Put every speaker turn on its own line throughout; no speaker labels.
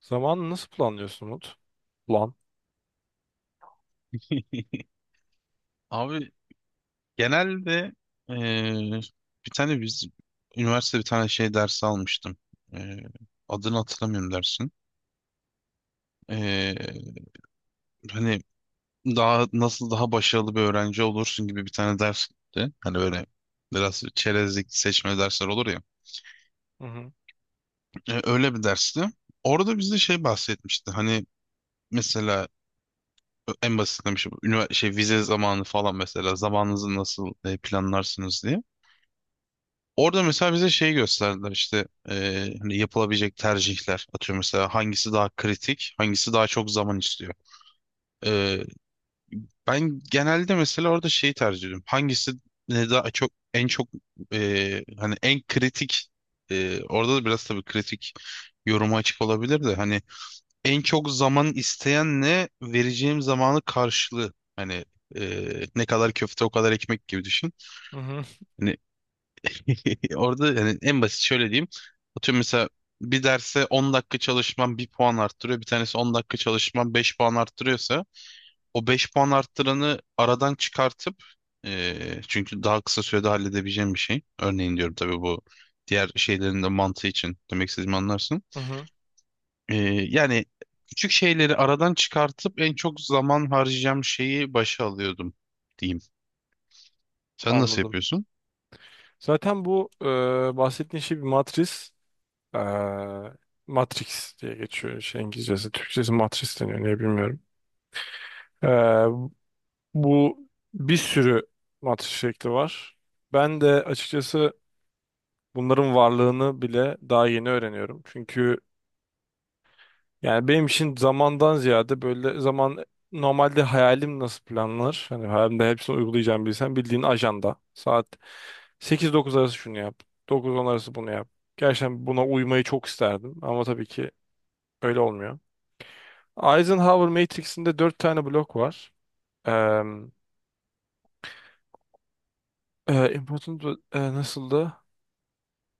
Zamanı nasıl planlıyorsun Umut? Plan.
Abi genelde eee, bir tane biz üniversitede bir tane şey dersi almıştım. Eee, adını hatırlamıyorum dersin. Eee, hani daha nasıl daha başarılı bir öğrenci olursun gibi bir tane dersti. Hani öyle biraz çerezlik seçme dersler olur ya.
Hı hı.
Öyle bir dersti. Orada bize şey bahsetmişti. Hani mesela en basitlemiş şey üniversite şey vize zamanı falan mesela zamanınızı nasıl planlarsınız diye. Orada mesela bize şey gösterdiler işte hani yapılabilecek tercihler atıyor mesela hangisi daha kritik hangisi daha çok zaman istiyor. E, ben genelde mesela orada şeyi tercih ediyorum hangisi ne daha çok en çok hani en kritik orada da biraz tabii kritik yoruma açık olabilir de hani en çok zaman isteyenle vereceğim zamanı karşılığı hani ne kadar köfte o kadar ekmek gibi düşün.
Hı hı.
Hani. Orada yani en basit şöyle diyeyim. Atıyorum mesela bir derse 10 dakika çalışmam bir puan arttırıyor. Bir tanesi 10 dakika çalışmam 5 puan arttırıyorsa o 5 puan arttıranı aradan çıkartıp çünkü daha kısa sürede halledebileceğim bir şey. Örneğin diyorum tabii bu diğer şeylerin de mantığı için demek istediğimi anlarsın.
Hı hı.
Yani küçük şeyleri aradan çıkartıp en çok zaman harcayacağım şeyi başa alıyordum diyeyim. Sen nasıl
Anladım.
yapıyorsun?
Zaten bu bahsettiğin şey bir matris. E, Matrix diye geçiyor şey İngilizcesi. Türkçesi matris deniyor. Niye bilmiyorum. E, bu bir sürü matris şekli var. Ben de açıkçası bunların varlığını bile daha yeni öğreniyorum. Çünkü yani benim için zamandan ziyade böyle zaman normalde hayalim nasıl planlanır? Hani hayalimde hepsini uygulayacağım bilsem bildiğin ajanda. Saat sekiz dokuz arası şunu yap. Dokuz on arası bunu yap. Gerçekten buna uymayı çok isterdim ama tabii ki öyle olmuyor. Eisenhower Matrix'inde 4 tane blok var. Eee Important, nasıldı?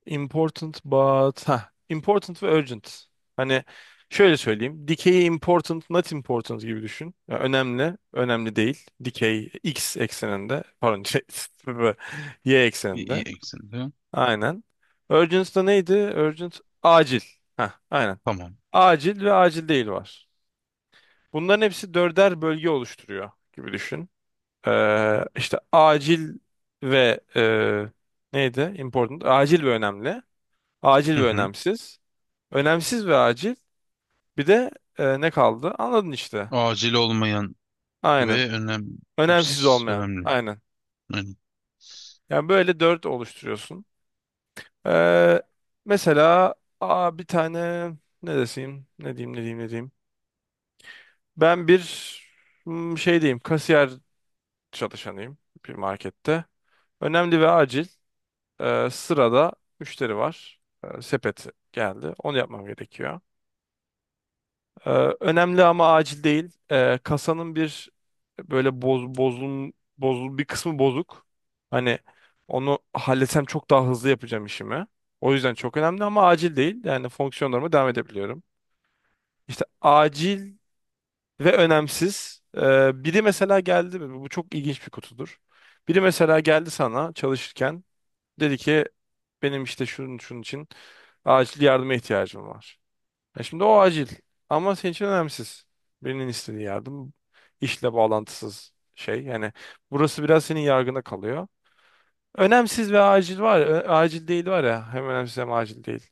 Important but ha important ve urgent. Hani şöyle söyleyeyim. Dikeyi important, not important gibi düşün. Ya önemli, önemli değil. Dikey x ekseninde, pardon, şey, y
İyi, iyi
ekseninde.
eksende.
Aynen. Urgent da neydi? Urgent acil. Ha, aynen.
Tamam.
Acil ve acil değil var. Bunların hepsi dörder bölge oluşturuyor gibi düşün. İşte acil ve neydi? Important. Acil ve önemli. Acil
Hı
ve
hı.
önemsiz. Önemsiz ve acil. Bir de ne kaldı? Anladın işte.
Acil olmayan
Aynen.
ve önem
Önemsiz
Ps,
olmayan.
önemli.
Aynen.
Aynen.
Yani böyle dört oluşturuyorsun. Ee, mesela bir tane ne deseyim? Ne diyeyim ne diyeyim ne diyeyim. Ben bir şey diyeyim. Kasiyer çalışanıyım bir markette. Önemli ve acil. Sırada müşteri var. Sepeti geldi. Onu yapmam gerekiyor. Ee, önemli ama acil değil. Kasanın bir böyle boz, bozun, bozul bir kısmı bozuk. Hani onu halletsem çok daha hızlı yapacağım işimi. O yüzden çok önemli ama acil değil. Yani fonksiyonlarıma devam edebiliyorum. İşte acil ve önemsiz. Biri mesela geldi. Bu çok ilginç bir kutudur. Biri mesela geldi sana çalışırken. Dedi ki benim işte şunun şunun için acil yardıma ihtiyacım var. Ya şimdi o acil ama senin için önemsiz. Birinin istediği yardım işle bağlantısız şey. Yani burası biraz senin yargına kalıyor. Önemsiz ve acil var. Ya, acil değil var ya. Hem önemsiz hem acil değil.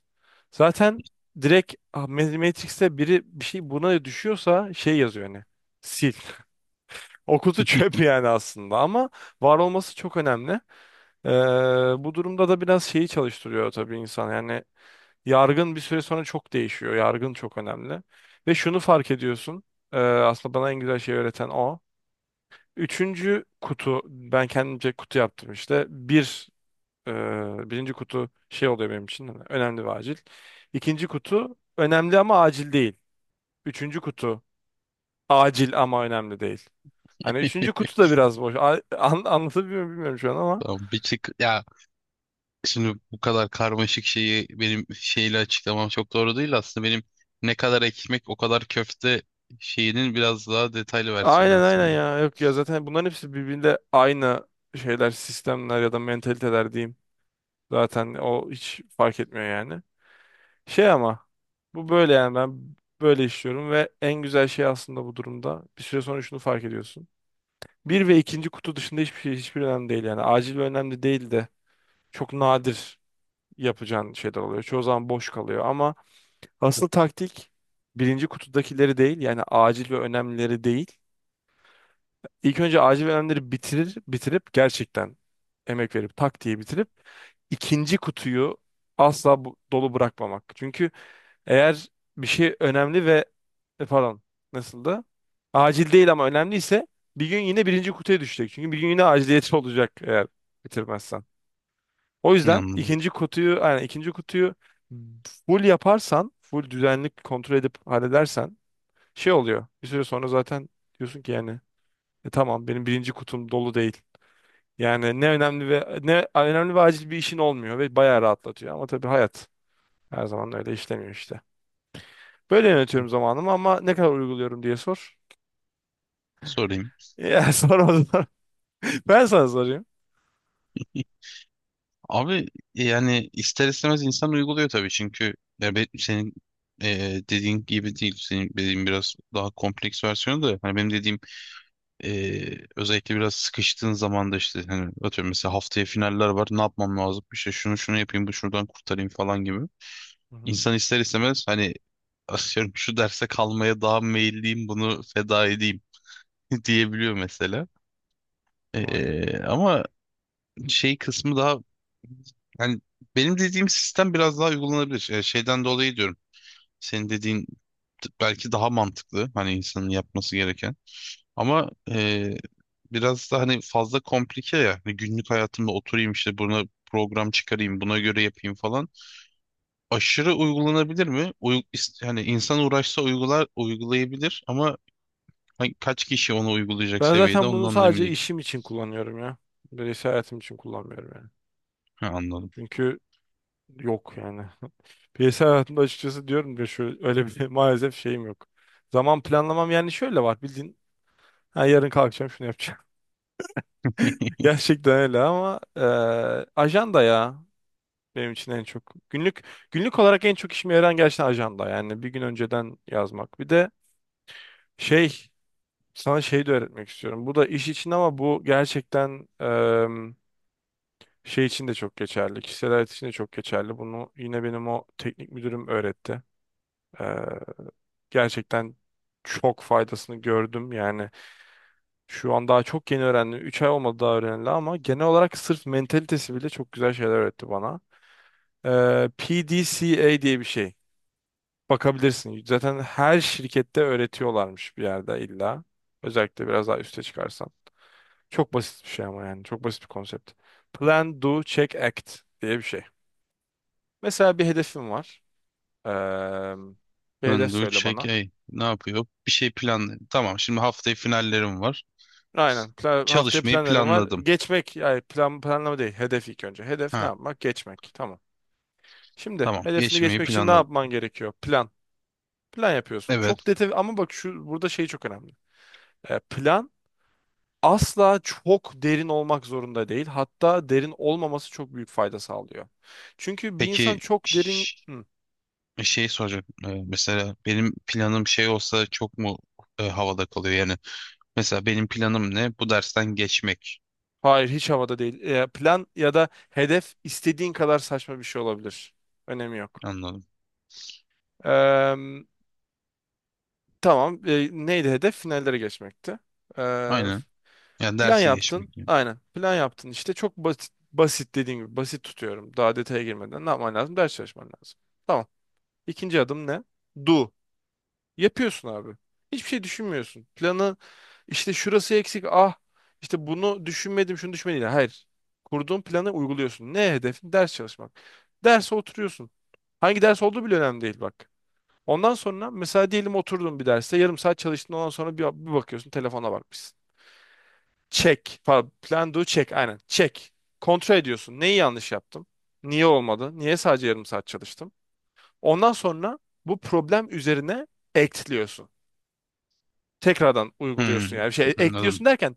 Zaten direkt ah, Matrix'te biri bir şey buna düşüyorsa şey yazıyor hani. Sil. O kutu çöp yani aslında ama var olması çok önemli. Ee, bu durumda da biraz şeyi çalıştırıyor tabii insan. Yani, yargın bir süre sonra çok değişiyor. Yargın çok önemli. Ve şunu fark ediyorsun. Aslında bana en güzel şey öğreten o. Üçüncü kutu, ben kendimce kutu yaptım işte. Bir, birinci kutu şey oluyor benim için. Hani önemli ve acil. İkinci kutu önemli ama acil değil. Üçüncü kutu acil ama önemli değil. Hani üçüncü kutu da biraz boş. Anlatabiliyor muyum bilmiyorum şu an ama.
Tamam bir tık ya, şimdi bu kadar karmaşık şeyi benim şeyle açıklamam çok doğru değil, aslında benim ne kadar ekmek o kadar köfte şeyinin biraz daha detaylı versiyonu
Aynen aynen
aslında.
ya. Yok ya zaten bunların hepsi birbirinde aynı şeyler, sistemler ya da mentaliteler diyeyim. Zaten o hiç fark etmiyor yani. Şey ama bu böyle yani ben böyle işliyorum ve en güzel şey aslında bu durumda. Bir süre sonra şunu fark ediyorsun. Bir ve ikinci kutu dışında hiçbir şey hiçbir önemli değil yani. Acil ve önemli değil de çok nadir yapacağın şeyler oluyor. Çoğu zaman boş kalıyor ama asıl taktik birinci kutudakileri değil yani acil ve önemlileri değil. İlk önce acil ve önemlileri bitirip gerçekten emek verip tak diye bitirip ikinci kutuyu asla dolu bırakmamak. Çünkü eğer bir şey önemli ve pardon, nasıldı? Acil değil ama önemliyse bir gün yine birinci kutuya düşecek. Çünkü bir gün yine aciliyeti olacak eğer bitirmezsen. O
Ne
yüzden
anladım.
ikinci kutuyu full yaparsan full düzenli kontrol edip halledersen şey oluyor. Bir süre sonra zaten diyorsun ki yani, "Tamam benim birinci kutum dolu değil. Yani ne önemli ve ne önemli ve acil bir işin olmuyor ve bayağı rahatlatıyor." Ama tabii hayat her zaman öyle işlemiyor işte. Böyle yönetiyorum zamanımı ama ne kadar uyguluyorum diye sor.
Sorayım.
Ya sor o zaman. Ben sana sorayım.
Abi yani ister istemez insan uyguluyor tabii, çünkü ya senin e, dediğin gibi değil. Senin dediğin biraz daha kompleks versiyonu da hani benim dediğim özellikle biraz sıkıştığın zaman da işte hani atıyorum mesela haftaya finaller var, ne yapmam lazım, işte şunu şunu yapayım, bu şuradan kurtarayım falan gibi.
Hı hı.
İnsan ister istemez hani atıyorum şu derse kalmaya daha meyilliyim, bunu feda edeyim diyebiliyor mesela.
Aynen.
Ama şey kısmı daha, yani benim dediğim sistem biraz daha uygulanabilir. Şeyden dolayı diyorum. Senin dediğin, belki daha mantıklı hani insanın yapması gereken. Ama biraz da hani fazla komplike ya. Hani günlük hayatımda oturayım işte buna program çıkarayım, buna göre yapayım falan. Aşırı uygulanabilir mi? Hani insan uğraşsa uygular, uygulayabilir, ama hani kaç kişi onu uygulayacak
Ben
seviyede
zaten bunu
ondan da emin
sadece
değilim.
işim için kullanıyorum ya. Bireysel hayatım için kullanmıyorum yani.
Ha, anladım.
Çünkü yok yani. Bireysel hayatımda açıkçası diyorum ya şöyle öyle bir maalesef şeyim yok. Zaman planlamam yani şöyle var bildiğin. Ha, yarın kalkacağım şunu yapacağım. Gerçekten öyle ama ajanda ya benim için en çok. Günlük günlük olarak en çok işime yarayan gerçekten ajanda. Yani bir gün önceden yazmak. Bir de şey sana şey de öğretmek istiyorum. Bu da iş için ama bu gerçekten şey için de çok geçerli. Kişisel hayat için de çok geçerli. Bunu yine benim o teknik müdürüm öğretti. Ee, gerçekten çok faydasını gördüm. Yani şu an daha çok yeni öğrendim. 3 ay olmadı daha öğrenildi ama genel olarak sırf mentalitesi bile çok güzel şeyler öğretti bana. PDCA diye bir şey. Bakabilirsin. Zaten her şirkette öğretiyorlarmış bir yerde illa. Özellikle biraz daha üste çıkarsan. Çok basit bir şey ama yani. Çok basit bir konsept. Plan, do, check, act diye bir şey. Mesela bir hedefim var. Eee hedef
Undo,
söyle
check,
bana.
ey. Ne yapıyor? Bir şey planlı. Tamam, şimdi haftaya finallerim var.
Aynen. Plan, haftaya
Çalışmayı
planlarım var.
planladım.
Geçmek, yani plan, planlama değil. Hedef ilk önce. Hedef ne
Ha,
yapmak? Geçmek. Tamam. Şimdi
tamam,
hedefini
geçmeyi
geçmek için ne
planladım.
yapman gerekiyor? Plan. Plan yapıyorsun.
Evet,
Çok detay ama bak şu burada şey çok önemli. Plan asla çok derin olmak zorunda değil. Hatta derin olmaması çok büyük fayda sağlıyor. Çünkü bir insan
peki
çok derin... Hı,
şey soracak. Mesela benim planım şey olsa çok mu havada kalıyor yani? Mesela benim planım ne? Bu dersten geçmek.
hayır hiç havada değil. Plan ya da hedef istediğin kadar saçma bir şey olabilir. Önemi yok.
Anladım.
Tamam. E, neydi hedef? Finallere geçmekti. Ee,
Aynen. Yani
plan
dersi
yaptın.
geçmek, yani.
Aynen. Plan yaptın. İşte çok basit, basit dediğim gibi basit tutuyorum. Daha detaya girmeden ne yapman lazım? Ders çalışman lazım. Tamam. İkinci adım ne? Do. Yapıyorsun abi. Hiçbir şey düşünmüyorsun. Planı işte şurası eksik. Ah işte bunu düşünmedim, şunu düşünmedim. Hayır. Kurduğun planı uyguluyorsun. Ne hedefin? Ders çalışmak. Derse oturuyorsun. Hangi ders olduğu bile önemli değil bak. Ondan sonra mesela diyelim oturdun bir derste yarım saat çalıştın ondan sonra bir bakıyorsun telefona bakmışsın. Check. Pardon, plan do check. Aynen. Check. Kontrol ediyorsun. Neyi yanlış yaptım? Niye olmadı? Niye sadece yarım saat çalıştım? Ondan sonra bu problem üzerine ekliyorsun. Tekrardan uyguluyorsun
Hmm,
yani. Bir şey ekliyorsun
anladım.
derken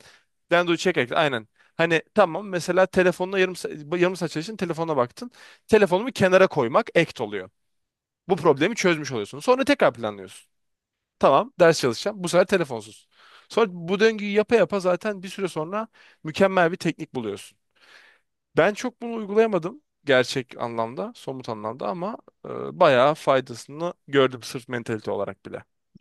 plan do check ekle. Aynen. Hani tamam mesela telefonla yarım saat çalıştın telefona baktın. Telefonumu kenara koymak act oluyor. Bu problemi çözmüş oluyorsun. Sonra tekrar planlıyorsun. Tamam ders çalışacağım. Bu sefer telefonsuz. Sonra bu döngüyü yapa yapa zaten bir süre sonra mükemmel bir teknik buluyorsun. Ben çok bunu uygulayamadım gerçek anlamda, somut anlamda ama e, bayağı faydasını gördüm sırf mentalite olarak bile.